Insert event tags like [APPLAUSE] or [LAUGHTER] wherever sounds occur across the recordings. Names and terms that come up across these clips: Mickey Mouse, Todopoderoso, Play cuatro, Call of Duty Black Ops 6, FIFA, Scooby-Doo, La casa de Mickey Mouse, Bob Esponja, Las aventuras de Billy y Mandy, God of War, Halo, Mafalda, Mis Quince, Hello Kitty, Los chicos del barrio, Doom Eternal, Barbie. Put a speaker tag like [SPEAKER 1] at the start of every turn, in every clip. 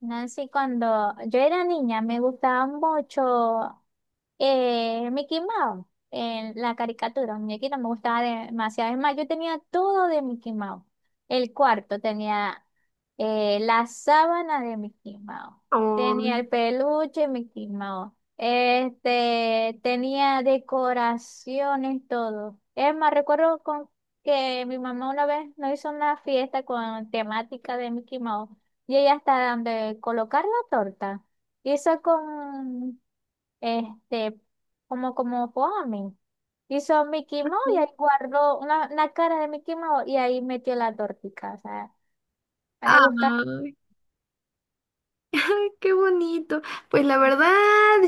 [SPEAKER 1] Nancy, cuando yo era niña me gustaba mucho Mickey Mouse, en la caricatura, un muñequito me gustaba demasiado. Es más, yo tenía todo de Mickey Mouse. El cuarto tenía la sábana de Mickey Mouse, tenía
[SPEAKER 2] Ay,
[SPEAKER 1] el peluche de Mickey Mouse, este, tenía decoraciones, todo. Es más, recuerdo con que mi mamá una vez nos hizo una fiesta con temática de Mickey Mouse y llegué hasta donde colocar la torta. Y eso con, este, como, como foamy. Hizo Mickey Mouse y
[SPEAKER 2] sí.
[SPEAKER 1] ahí guardó una cara de Mickey Mouse y ahí metió la tortica. O sea, a mí me gusta.
[SPEAKER 2] Ay, qué bonito. Pues la verdad,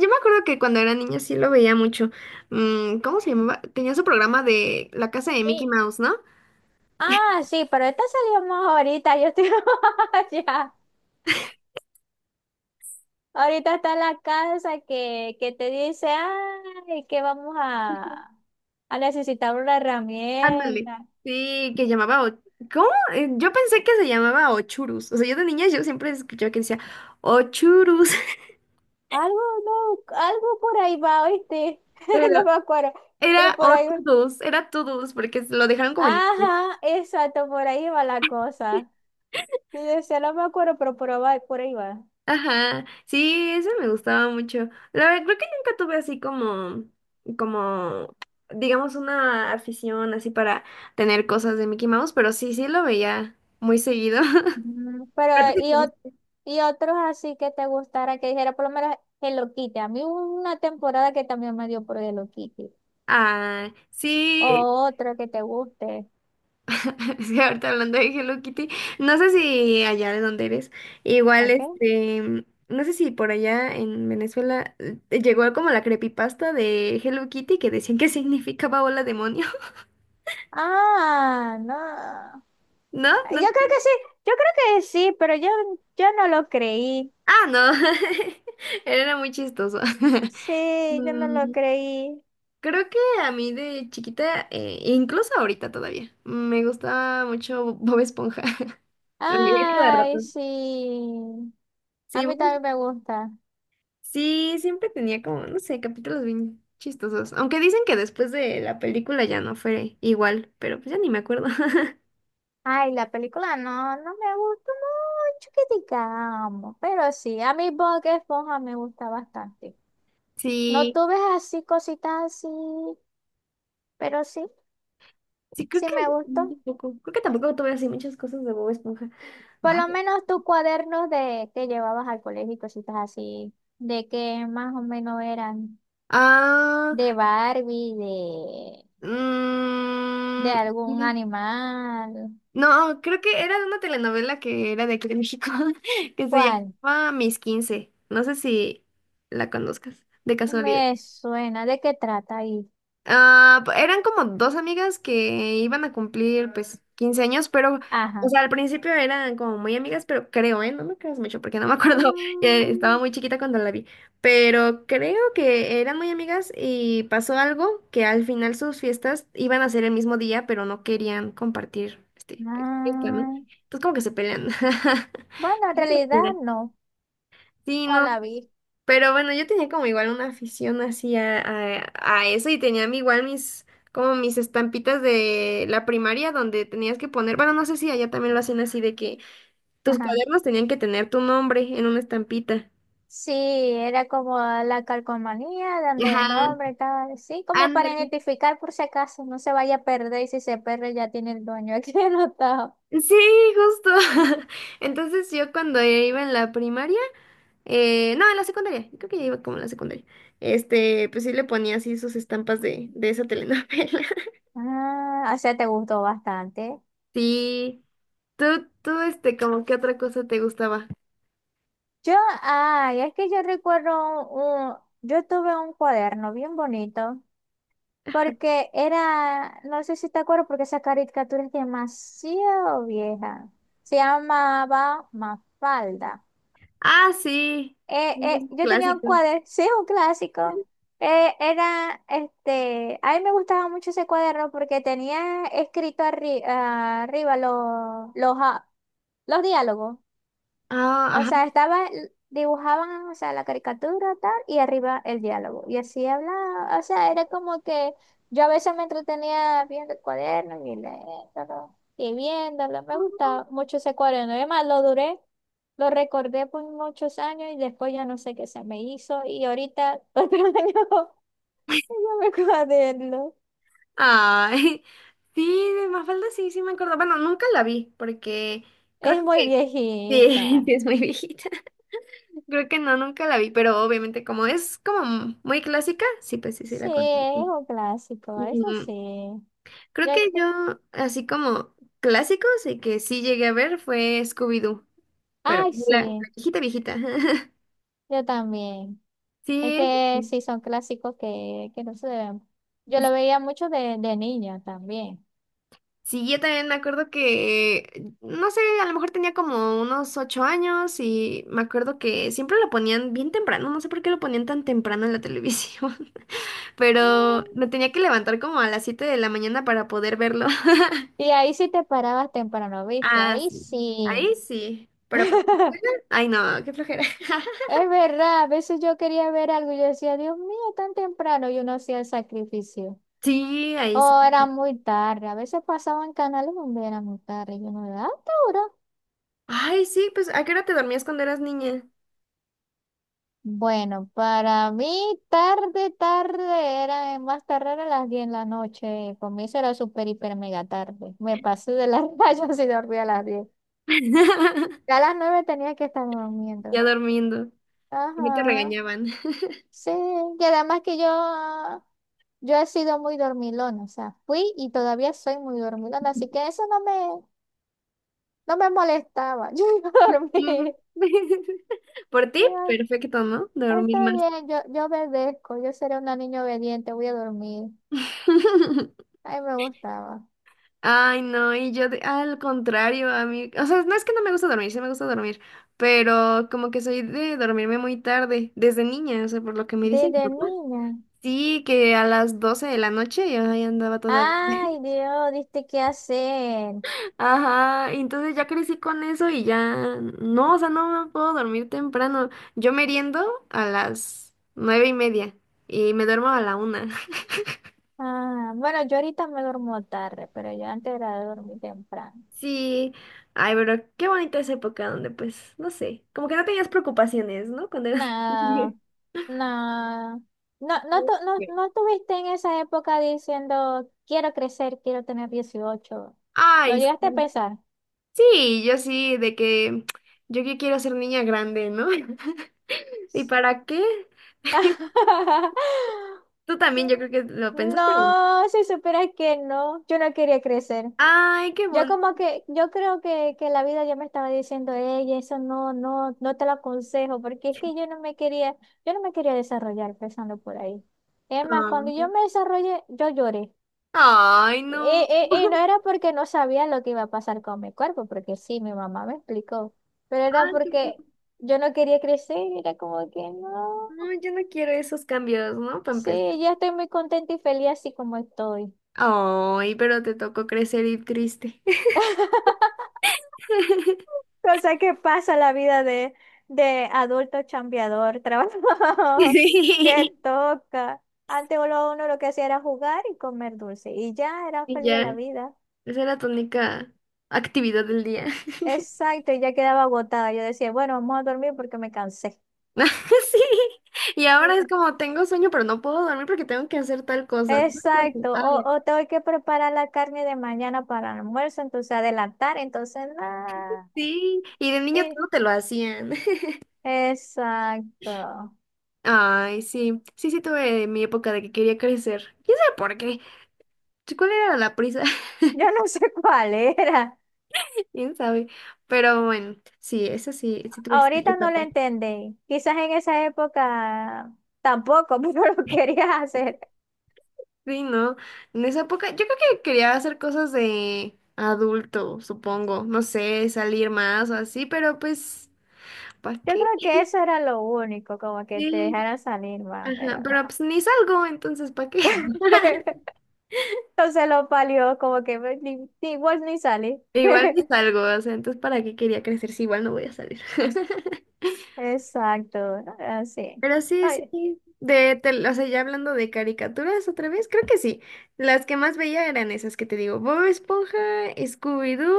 [SPEAKER 2] yo me acuerdo que cuando era niña sí lo veía mucho. ¿Cómo se llamaba? Tenía su programa de La casa de
[SPEAKER 1] Mi...
[SPEAKER 2] Mickey Mouse, ¿no?
[SPEAKER 1] Ah, sí, pero esta salió más ahorita. Yo estoy [LAUGHS] allá. Ahorita está la casa que te dice, ay, que vamos a necesitar una
[SPEAKER 2] Ándale.
[SPEAKER 1] herramienta.
[SPEAKER 2] Sí, que llamaba. ¿Cómo? Yo pensé que se llamaba Ochurus. O sea, yo de niña yo siempre escuchaba que decía Ochurus, [LAUGHS]
[SPEAKER 1] Algo, no, algo por ahí va, ¿oíste?
[SPEAKER 2] pero
[SPEAKER 1] [LAUGHS] No me acuerdo, pero
[SPEAKER 2] era
[SPEAKER 1] por ahí va.
[SPEAKER 2] Otudus, era Tudus, porque lo dejaron como en inglés.
[SPEAKER 1] Ajá, exacto, por ahí va la cosa. Y decía, no me acuerdo, pero por ahí va. Por ahí va.
[SPEAKER 2] Ajá, sí, ese me gustaba mucho. La verdad, creo que nunca tuve así como, digamos, una afición así para tener cosas de Mickey Mouse, pero sí, sí lo veía muy seguido. [LAUGHS]
[SPEAKER 1] Mm, pero,
[SPEAKER 2] Pero tú sí
[SPEAKER 1] y, ot-
[SPEAKER 2] tuviste.
[SPEAKER 1] y otros así que te gustara, que dijera, por lo menos Hello Kitty. A mí hubo una temporada que también me dio por Hello Kitty.
[SPEAKER 2] Ah, sí,
[SPEAKER 1] O otro que te guste.
[SPEAKER 2] [LAUGHS] sí, ahorita hablando de Hello Kitty, no sé si allá de donde eres,
[SPEAKER 1] ¿A
[SPEAKER 2] igual
[SPEAKER 1] qué?
[SPEAKER 2] este, no sé si por allá en Venezuela llegó como la creepypasta de Hello Kitty que decían que significaba hola demonio,
[SPEAKER 1] Ah, no.
[SPEAKER 2] [LAUGHS]
[SPEAKER 1] Yo
[SPEAKER 2] ¿no?
[SPEAKER 1] creo que sí, yo creo que sí, pero yo no lo creí.
[SPEAKER 2] Ah, no, [LAUGHS] era muy chistoso. [LAUGHS]
[SPEAKER 1] Sí, yo no lo
[SPEAKER 2] Mm,
[SPEAKER 1] creí.
[SPEAKER 2] Creo que a mí de chiquita, incluso ahorita todavía, me gustaba mucho Bob Esponja. [LAUGHS] Lo veía cada rato.
[SPEAKER 1] Ay, sí. A
[SPEAKER 2] Sí,
[SPEAKER 1] mí también me gusta.
[SPEAKER 2] Sí, siempre tenía como, no sé, capítulos bien chistosos. Aunque dicen que después de la película ya no fue igual, pero pues ya ni me acuerdo. [LAUGHS]
[SPEAKER 1] Ay, la película no, no me gustó mucho que digamos, pero sí, a mí Bob Esponja me gusta bastante. No
[SPEAKER 2] Sí,
[SPEAKER 1] tuve así cositas así, pero sí,
[SPEAKER 2] sí, creo
[SPEAKER 1] sí
[SPEAKER 2] que
[SPEAKER 1] me
[SPEAKER 2] no,
[SPEAKER 1] gustó.
[SPEAKER 2] tampoco. Creo que tampoco tuve así muchas cosas de Bob Esponja.
[SPEAKER 1] Por
[SPEAKER 2] Ay.
[SPEAKER 1] lo menos tus cuadernos de que llevabas al colegio y cositas así, de que más o menos eran
[SPEAKER 2] Ah,
[SPEAKER 1] de Barbie, de
[SPEAKER 2] mm,
[SPEAKER 1] algún
[SPEAKER 2] ok.
[SPEAKER 1] animal.
[SPEAKER 2] No, creo que era de una telenovela que era de aquí de México, [LAUGHS] que se
[SPEAKER 1] ¿Cuál?
[SPEAKER 2] llamaba Mis Quince. No sé si la conozcas, de casualidad.
[SPEAKER 1] Me suena, ¿de qué trata ahí?
[SPEAKER 2] Ah, eran como dos amigas que iban a cumplir pues 15 años, pero, o
[SPEAKER 1] Ajá.
[SPEAKER 2] sea, al principio eran como muy amigas, pero creo, ¿eh? No me creas mucho porque no me acuerdo, [LAUGHS] ya estaba
[SPEAKER 1] Ah,
[SPEAKER 2] muy chiquita cuando la vi, pero creo que eran muy amigas y pasó algo que al final sus fiestas iban a ser el mismo día, pero no querían compartir, este, pues, fiesta, ¿no?
[SPEAKER 1] ah.
[SPEAKER 2] Entonces como que se pelean. [LAUGHS]
[SPEAKER 1] Bueno, en realidad
[SPEAKER 2] Mira,
[SPEAKER 1] no,
[SPEAKER 2] sí,
[SPEAKER 1] no
[SPEAKER 2] no.
[SPEAKER 1] la vi.
[SPEAKER 2] Pero bueno, yo tenía como igual una afición así a eso y tenía como mis estampitas de la primaria donde tenías que poner, bueno, no sé si allá también lo hacen así de que tus
[SPEAKER 1] Ajá.
[SPEAKER 2] cuadernos tenían que tener tu nombre en una estampita.
[SPEAKER 1] Sí, era como la calcomanía, donde
[SPEAKER 2] Ajá,
[SPEAKER 1] el nombre, tal, sí, como para
[SPEAKER 2] ándale.
[SPEAKER 1] identificar por si acaso, no se vaya a perder y si se pierde ya tiene el dueño aquí [LAUGHS] anotado.
[SPEAKER 2] Sí, justo. [LAUGHS] Entonces yo cuando iba en la primaria, no, en la secundaria, creo que ya iba como en la secundaria, este, pues sí le ponía así sus estampas de esa telenovela.
[SPEAKER 1] Ah, o sea, te gustó bastante.
[SPEAKER 2] Sí. Tú, tú, este, como que otra cosa te gustaba.
[SPEAKER 1] Yo, ay, es que yo recuerdo yo tuve un cuaderno bien bonito. Porque era, no sé si te acuerdas, porque esa caricatura es demasiado vieja. Se llamaba Mafalda.
[SPEAKER 2] Ah, sí. Sí, es
[SPEAKER 1] Yo tenía un
[SPEAKER 2] clásico.
[SPEAKER 1] cuaderno, sí, un clásico. Era, este, a mí me gustaba mucho ese cuaderno porque tenía escrito arriba los diálogos.
[SPEAKER 2] Ah,
[SPEAKER 1] O sea,
[SPEAKER 2] ajá.
[SPEAKER 1] estaba, dibujaban, o sea, la caricatura tal, y arriba el diálogo. Y así hablaba, o sea, era como que yo a veces me entretenía viendo el cuaderno y leyéndolo, y viéndolo. Me gustaba mucho ese cuaderno. Además, lo duré, lo recordé por muchos años y después ya no sé qué se me hizo. Y ahorita, [LAUGHS] otro año, yo me cuaderno.
[SPEAKER 2] Ay, [LAUGHS] sí, de Mafalda sí, sí me acuerdo. Bueno, nunca la vi, porque creo
[SPEAKER 1] Es
[SPEAKER 2] que
[SPEAKER 1] muy
[SPEAKER 2] sí, [LAUGHS] sí
[SPEAKER 1] viejita.
[SPEAKER 2] es muy viejita. [LAUGHS] Creo que no, nunca la vi, pero obviamente como es como muy clásica, sí, pues sí, sí
[SPEAKER 1] Sí,
[SPEAKER 2] la conozco.
[SPEAKER 1] es un clásico, eso
[SPEAKER 2] Mm,
[SPEAKER 1] sí.
[SPEAKER 2] Creo
[SPEAKER 1] Ya-
[SPEAKER 2] que yo, así como clásicos y que sí llegué a ver fue Scooby-Doo, pero
[SPEAKER 1] ay,
[SPEAKER 2] la
[SPEAKER 1] sí,
[SPEAKER 2] viejita, viejita. [LAUGHS]
[SPEAKER 1] yo también. Es
[SPEAKER 2] Sí,
[SPEAKER 1] que sí, son clásicos que no se deben. Yo lo veía mucho de niña también.
[SPEAKER 2] sí, yo también me acuerdo que, no sé, a lo mejor tenía como unos 8 años y me acuerdo que siempre lo ponían bien temprano, no sé por qué lo ponían tan temprano en la televisión, [LAUGHS] pero me tenía que levantar como a las 7 de la mañana para poder verlo. [LAUGHS]
[SPEAKER 1] Y ahí sí te parabas temprano, ¿viste?
[SPEAKER 2] Ah,
[SPEAKER 1] Ahí
[SPEAKER 2] sí,
[SPEAKER 1] sí.
[SPEAKER 2] ahí sí, pero para la escuela,
[SPEAKER 1] [LAUGHS]
[SPEAKER 2] ay no, qué flojera. [LAUGHS]
[SPEAKER 1] Es verdad, a veces yo quería ver algo y yo decía, Dios mío, tan temprano, y uno hacía el sacrificio.
[SPEAKER 2] Sí, ahí sí.
[SPEAKER 1] O era muy tarde, a veces pasaban canales donde era muy tarde, y uno, ¿a esta hora?
[SPEAKER 2] Ay, sí, pues ¿a qué hora te dormías cuando eras niña?
[SPEAKER 1] Bueno, para mí tarde, tarde, era más tarde era las 10 de la noche. Para mí eso era súper, hiper, mega tarde. Me pasé de las [LAUGHS] rayas y dormí a las 10. Ya a
[SPEAKER 2] [LAUGHS]
[SPEAKER 1] las 9 tenía que estar
[SPEAKER 2] Ya
[SPEAKER 1] durmiendo.
[SPEAKER 2] durmiendo. Y no te
[SPEAKER 1] Ajá,
[SPEAKER 2] regañaban.
[SPEAKER 1] sí. Y además que yo he sido muy dormilona, o sea, fui y todavía soy muy dormilona, así que eso no me, no me molestaba. [LAUGHS] Yo iba a
[SPEAKER 2] Mm.
[SPEAKER 1] dormir.
[SPEAKER 2] [LAUGHS] Por ti,
[SPEAKER 1] Yo,
[SPEAKER 2] perfecto, ¿no? Dormir
[SPEAKER 1] está
[SPEAKER 2] más.
[SPEAKER 1] bien, yo obedezco, yo seré una niña obediente, voy a dormir.
[SPEAKER 2] [LAUGHS]
[SPEAKER 1] Ay, me gustaba.
[SPEAKER 2] Ay, no, y yo al contrario, a mí, o sea, no es que no me gusta dormir, sí me gusta dormir, pero como que soy de dormirme muy tarde, desde niña, o sea, por lo que me dicen.
[SPEAKER 1] Desde niña.
[SPEAKER 2] Sí, que a las 12 de la noche yo ahí andaba todavía.
[SPEAKER 1] Ay, Dios, diste qué hacer.
[SPEAKER 2] [LAUGHS] Ajá, y entonces ya crecí con eso y ya, no, o sea, no me puedo dormir temprano. Yo meriendo a las 9:30 y me duermo a la 1:00.
[SPEAKER 1] Ah, bueno, yo ahorita me duermo tarde, pero yo antes era de dormir temprano.
[SPEAKER 2] Sí, ay, pero qué bonita esa época donde pues, no sé, como que no tenías preocupaciones, ¿no? Cuando eras [LAUGHS]
[SPEAKER 1] No,
[SPEAKER 2] niño.
[SPEAKER 1] no. No, no, no, no tuviste en esa época diciendo, quiero crecer, quiero tener 18. ¿Lo
[SPEAKER 2] Ay,
[SPEAKER 1] llegaste a
[SPEAKER 2] sí.
[SPEAKER 1] pensar?
[SPEAKER 2] Sí, yo sí, de que yo que quiero ser niña grande, ¿no? [LAUGHS] ¿Y para qué? [LAUGHS]
[SPEAKER 1] [LAUGHS]
[SPEAKER 2] Tú también, yo creo que lo pensaste bien.
[SPEAKER 1] No, si supieras que no, yo no quería crecer.
[SPEAKER 2] Ay, qué
[SPEAKER 1] Yo
[SPEAKER 2] bonito.
[SPEAKER 1] como que, yo creo que la vida ya me estaba diciendo, ella, eso no, no, no te lo aconsejo, porque es que yo no me quería, yo no me quería desarrollar empezando por ahí. Es más, cuando yo me desarrollé, yo lloré.
[SPEAKER 2] Ay,
[SPEAKER 1] Y,
[SPEAKER 2] no.
[SPEAKER 1] y no
[SPEAKER 2] [LAUGHS]
[SPEAKER 1] era porque no sabía lo que iba a pasar con mi cuerpo, porque sí, mi mamá me explicó, pero era
[SPEAKER 2] Ay, qué
[SPEAKER 1] porque
[SPEAKER 2] bonito.
[SPEAKER 1] yo no quería crecer, era como que no,
[SPEAKER 2] No, yo no quiero esos cambios, ¿no? Para
[SPEAKER 1] sí,
[SPEAKER 2] empezar.
[SPEAKER 1] ya estoy muy contenta y feliz así como estoy.
[SPEAKER 2] Ay, pero te tocó crecer y triste.
[SPEAKER 1] [LAUGHS]
[SPEAKER 2] [LAUGHS]
[SPEAKER 1] Cosa que pasa la vida de adulto chambeador, trabajador, [LAUGHS] que
[SPEAKER 2] Sí.
[SPEAKER 1] toca. Antes uno, uno lo que hacía era jugar y comer dulce. Y ya era
[SPEAKER 2] Y
[SPEAKER 1] feliz de la
[SPEAKER 2] ya.
[SPEAKER 1] vida.
[SPEAKER 2] Esa era tu única actividad del día. [LAUGHS]
[SPEAKER 1] Exacto, y ya quedaba agotada. Yo decía, bueno, vamos a dormir porque me cansé.
[SPEAKER 2] [LAUGHS] Sí. Y ahora es como
[SPEAKER 1] [LAUGHS]
[SPEAKER 2] tengo sueño, pero no puedo dormir porque tengo que hacer tal cosa.
[SPEAKER 1] Exacto,
[SPEAKER 2] [LAUGHS] Ay,
[SPEAKER 1] o tengo que preparar la carne de mañana para el almuerzo, entonces adelantar, entonces nada.
[SPEAKER 2] sí. Y de niño
[SPEAKER 1] Y-
[SPEAKER 2] todo te lo hacían. [LAUGHS]
[SPEAKER 1] exacto.
[SPEAKER 2] Ay, sí. Sí, sí tuve mi época de que quería crecer. ¿Quién sabe por qué? ¿Cuál era la prisa?
[SPEAKER 1] Yo
[SPEAKER 2] [LAUGHS]
[SPEAKER 1] no sé [LAUGHS] cuál era.
[SPEAKER 2] ¿Quién sabe? Pero bueno, sí, esa sí, sí tuve esa
[SPEAKER 1] Ahorita no lo
[SPEAKER 2] etapa.
[SPEAKER 1] entendí. Quizás en esa época tampoco, [LAUGHS] pero lo querías hacer.
[SPEAKER 2] Sí, ¿no? En esa época, yo creo que quería hacer cosas de adulto, supongo, no sé, salir más o así, pero pues, ¿para
[SPEAKER 1] Yo
[SPEAKER 2] qué?
[SPEAKER 1] creo que eso era lo único, como que te
[SPEAKER 2] Sí,
[SPEAKER 1] dejaran salir más,
[SPEAKER 2] ajá,
[SPEAKER 1] pero no.
[SPEAKER 2] pero pues ni salgo, entonces, ¿para qué? [LAUGHS]
[SPEAKER 1] [LAUGHS] Entonces lo palió, como que pues, ni, ni vos ni salí.
[SPEAKER 2] Igual ni
[SPEAKER 1] [LAUGHS]
[SPEAKER 2] salgo, o sea, entonces, ¿para qué quería crecer si igual no voy a salir? [LAUGHS]
[SPEAKER 1] Exacto, así.
[SPEAKER 2] Pero sí, sí,
[SPEAKER 1] Ay,
[SPEAKER 2] sí, o sea, ya hablando de caricaturas otra vez, creo que sí. Las que más veía eran esas que te digo, Bob Esponja, Scooby-Doo,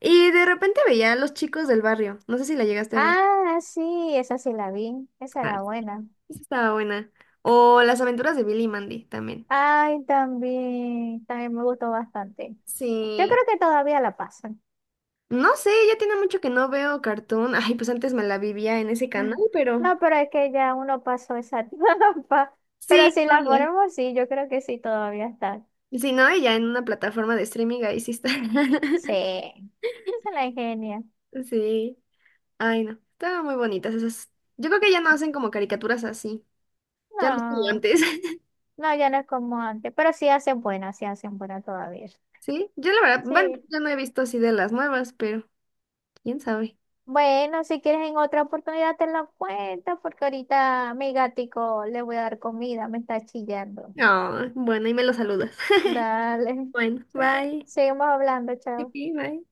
[SPEAKER 2] y de repente veía a los chicos del barrio, no sé si la llegaste a ver.
[SPEAKER 1] ah, sí, esa sí la vi. Esa era buena.
[SPEAKER 2] Esa estaba buena. O Las aventuras de Billy y Mandy también.
[SPEAKER 1] Ay, también, también me gustó bastante. Yo creo
[SPEAKER 2] Sí.
[SPEAKER 1] que todavía la pasan.
[SPEAKER 2] No sé, ya tiene mucho que no veo cartoon. Ay, pues antes me la vivía en ese canal, pero
[SPEAKER 1] No, pero es que ya uno pasó esa [LAUGHS] etapa. Pero
[SPEAKER 2] sí,
[SPEAKER 1] si
[SPEAKER 2] no,
[SPEAKER 1] las
[SPEAKER 2] ya.
[SPEAKER 1] ponemos, sí, yo creo que sí todavía están.
[SPEAKER 2] Sí, no, y ya en una plataforma de streaming ahí sí está.
[SPEAKER 1] Sí,
[SPEAKER 2] [LAUGHS]
[SPEAKER 1] se la ingenia.
[SPEAKER 2] Sí. Ay, no. Estaban muy bonitas esas. Yo creo que ya no hacen como caricaturas así. Ya no es como
[SPEAKER 1] No,
[SPEAKER 2] antes. [LAUGHS]
[SPEAKER 1] no, ya no es como antes, pero sí hacen buena todavía.
[SPEAKER 2] Sí. Yo la verdad, bueno,
[SPEAKER 1] Sí.
[SPEAKER 2] yo no he visto así de las nuevas, pero quién sabe.
[SPEAKER 1] Bueno, si quieres en otra oportunidad te la cuento, porque ahorita mi gatico le voy a dar comida, me está chillando.
[SPEAKER 2] No, bueno, y me lo saludas. [LAUGHS]
[SPEAKER 1] Dale.
[SPEAKER 2] Bueno,
[SPEAKER 1] [LAUGHS]
[SPEAKER 2] bye.
[SPEAKER 1] Seguimos hablando, chao.
[SPEAKER 2] Pipi, Bye.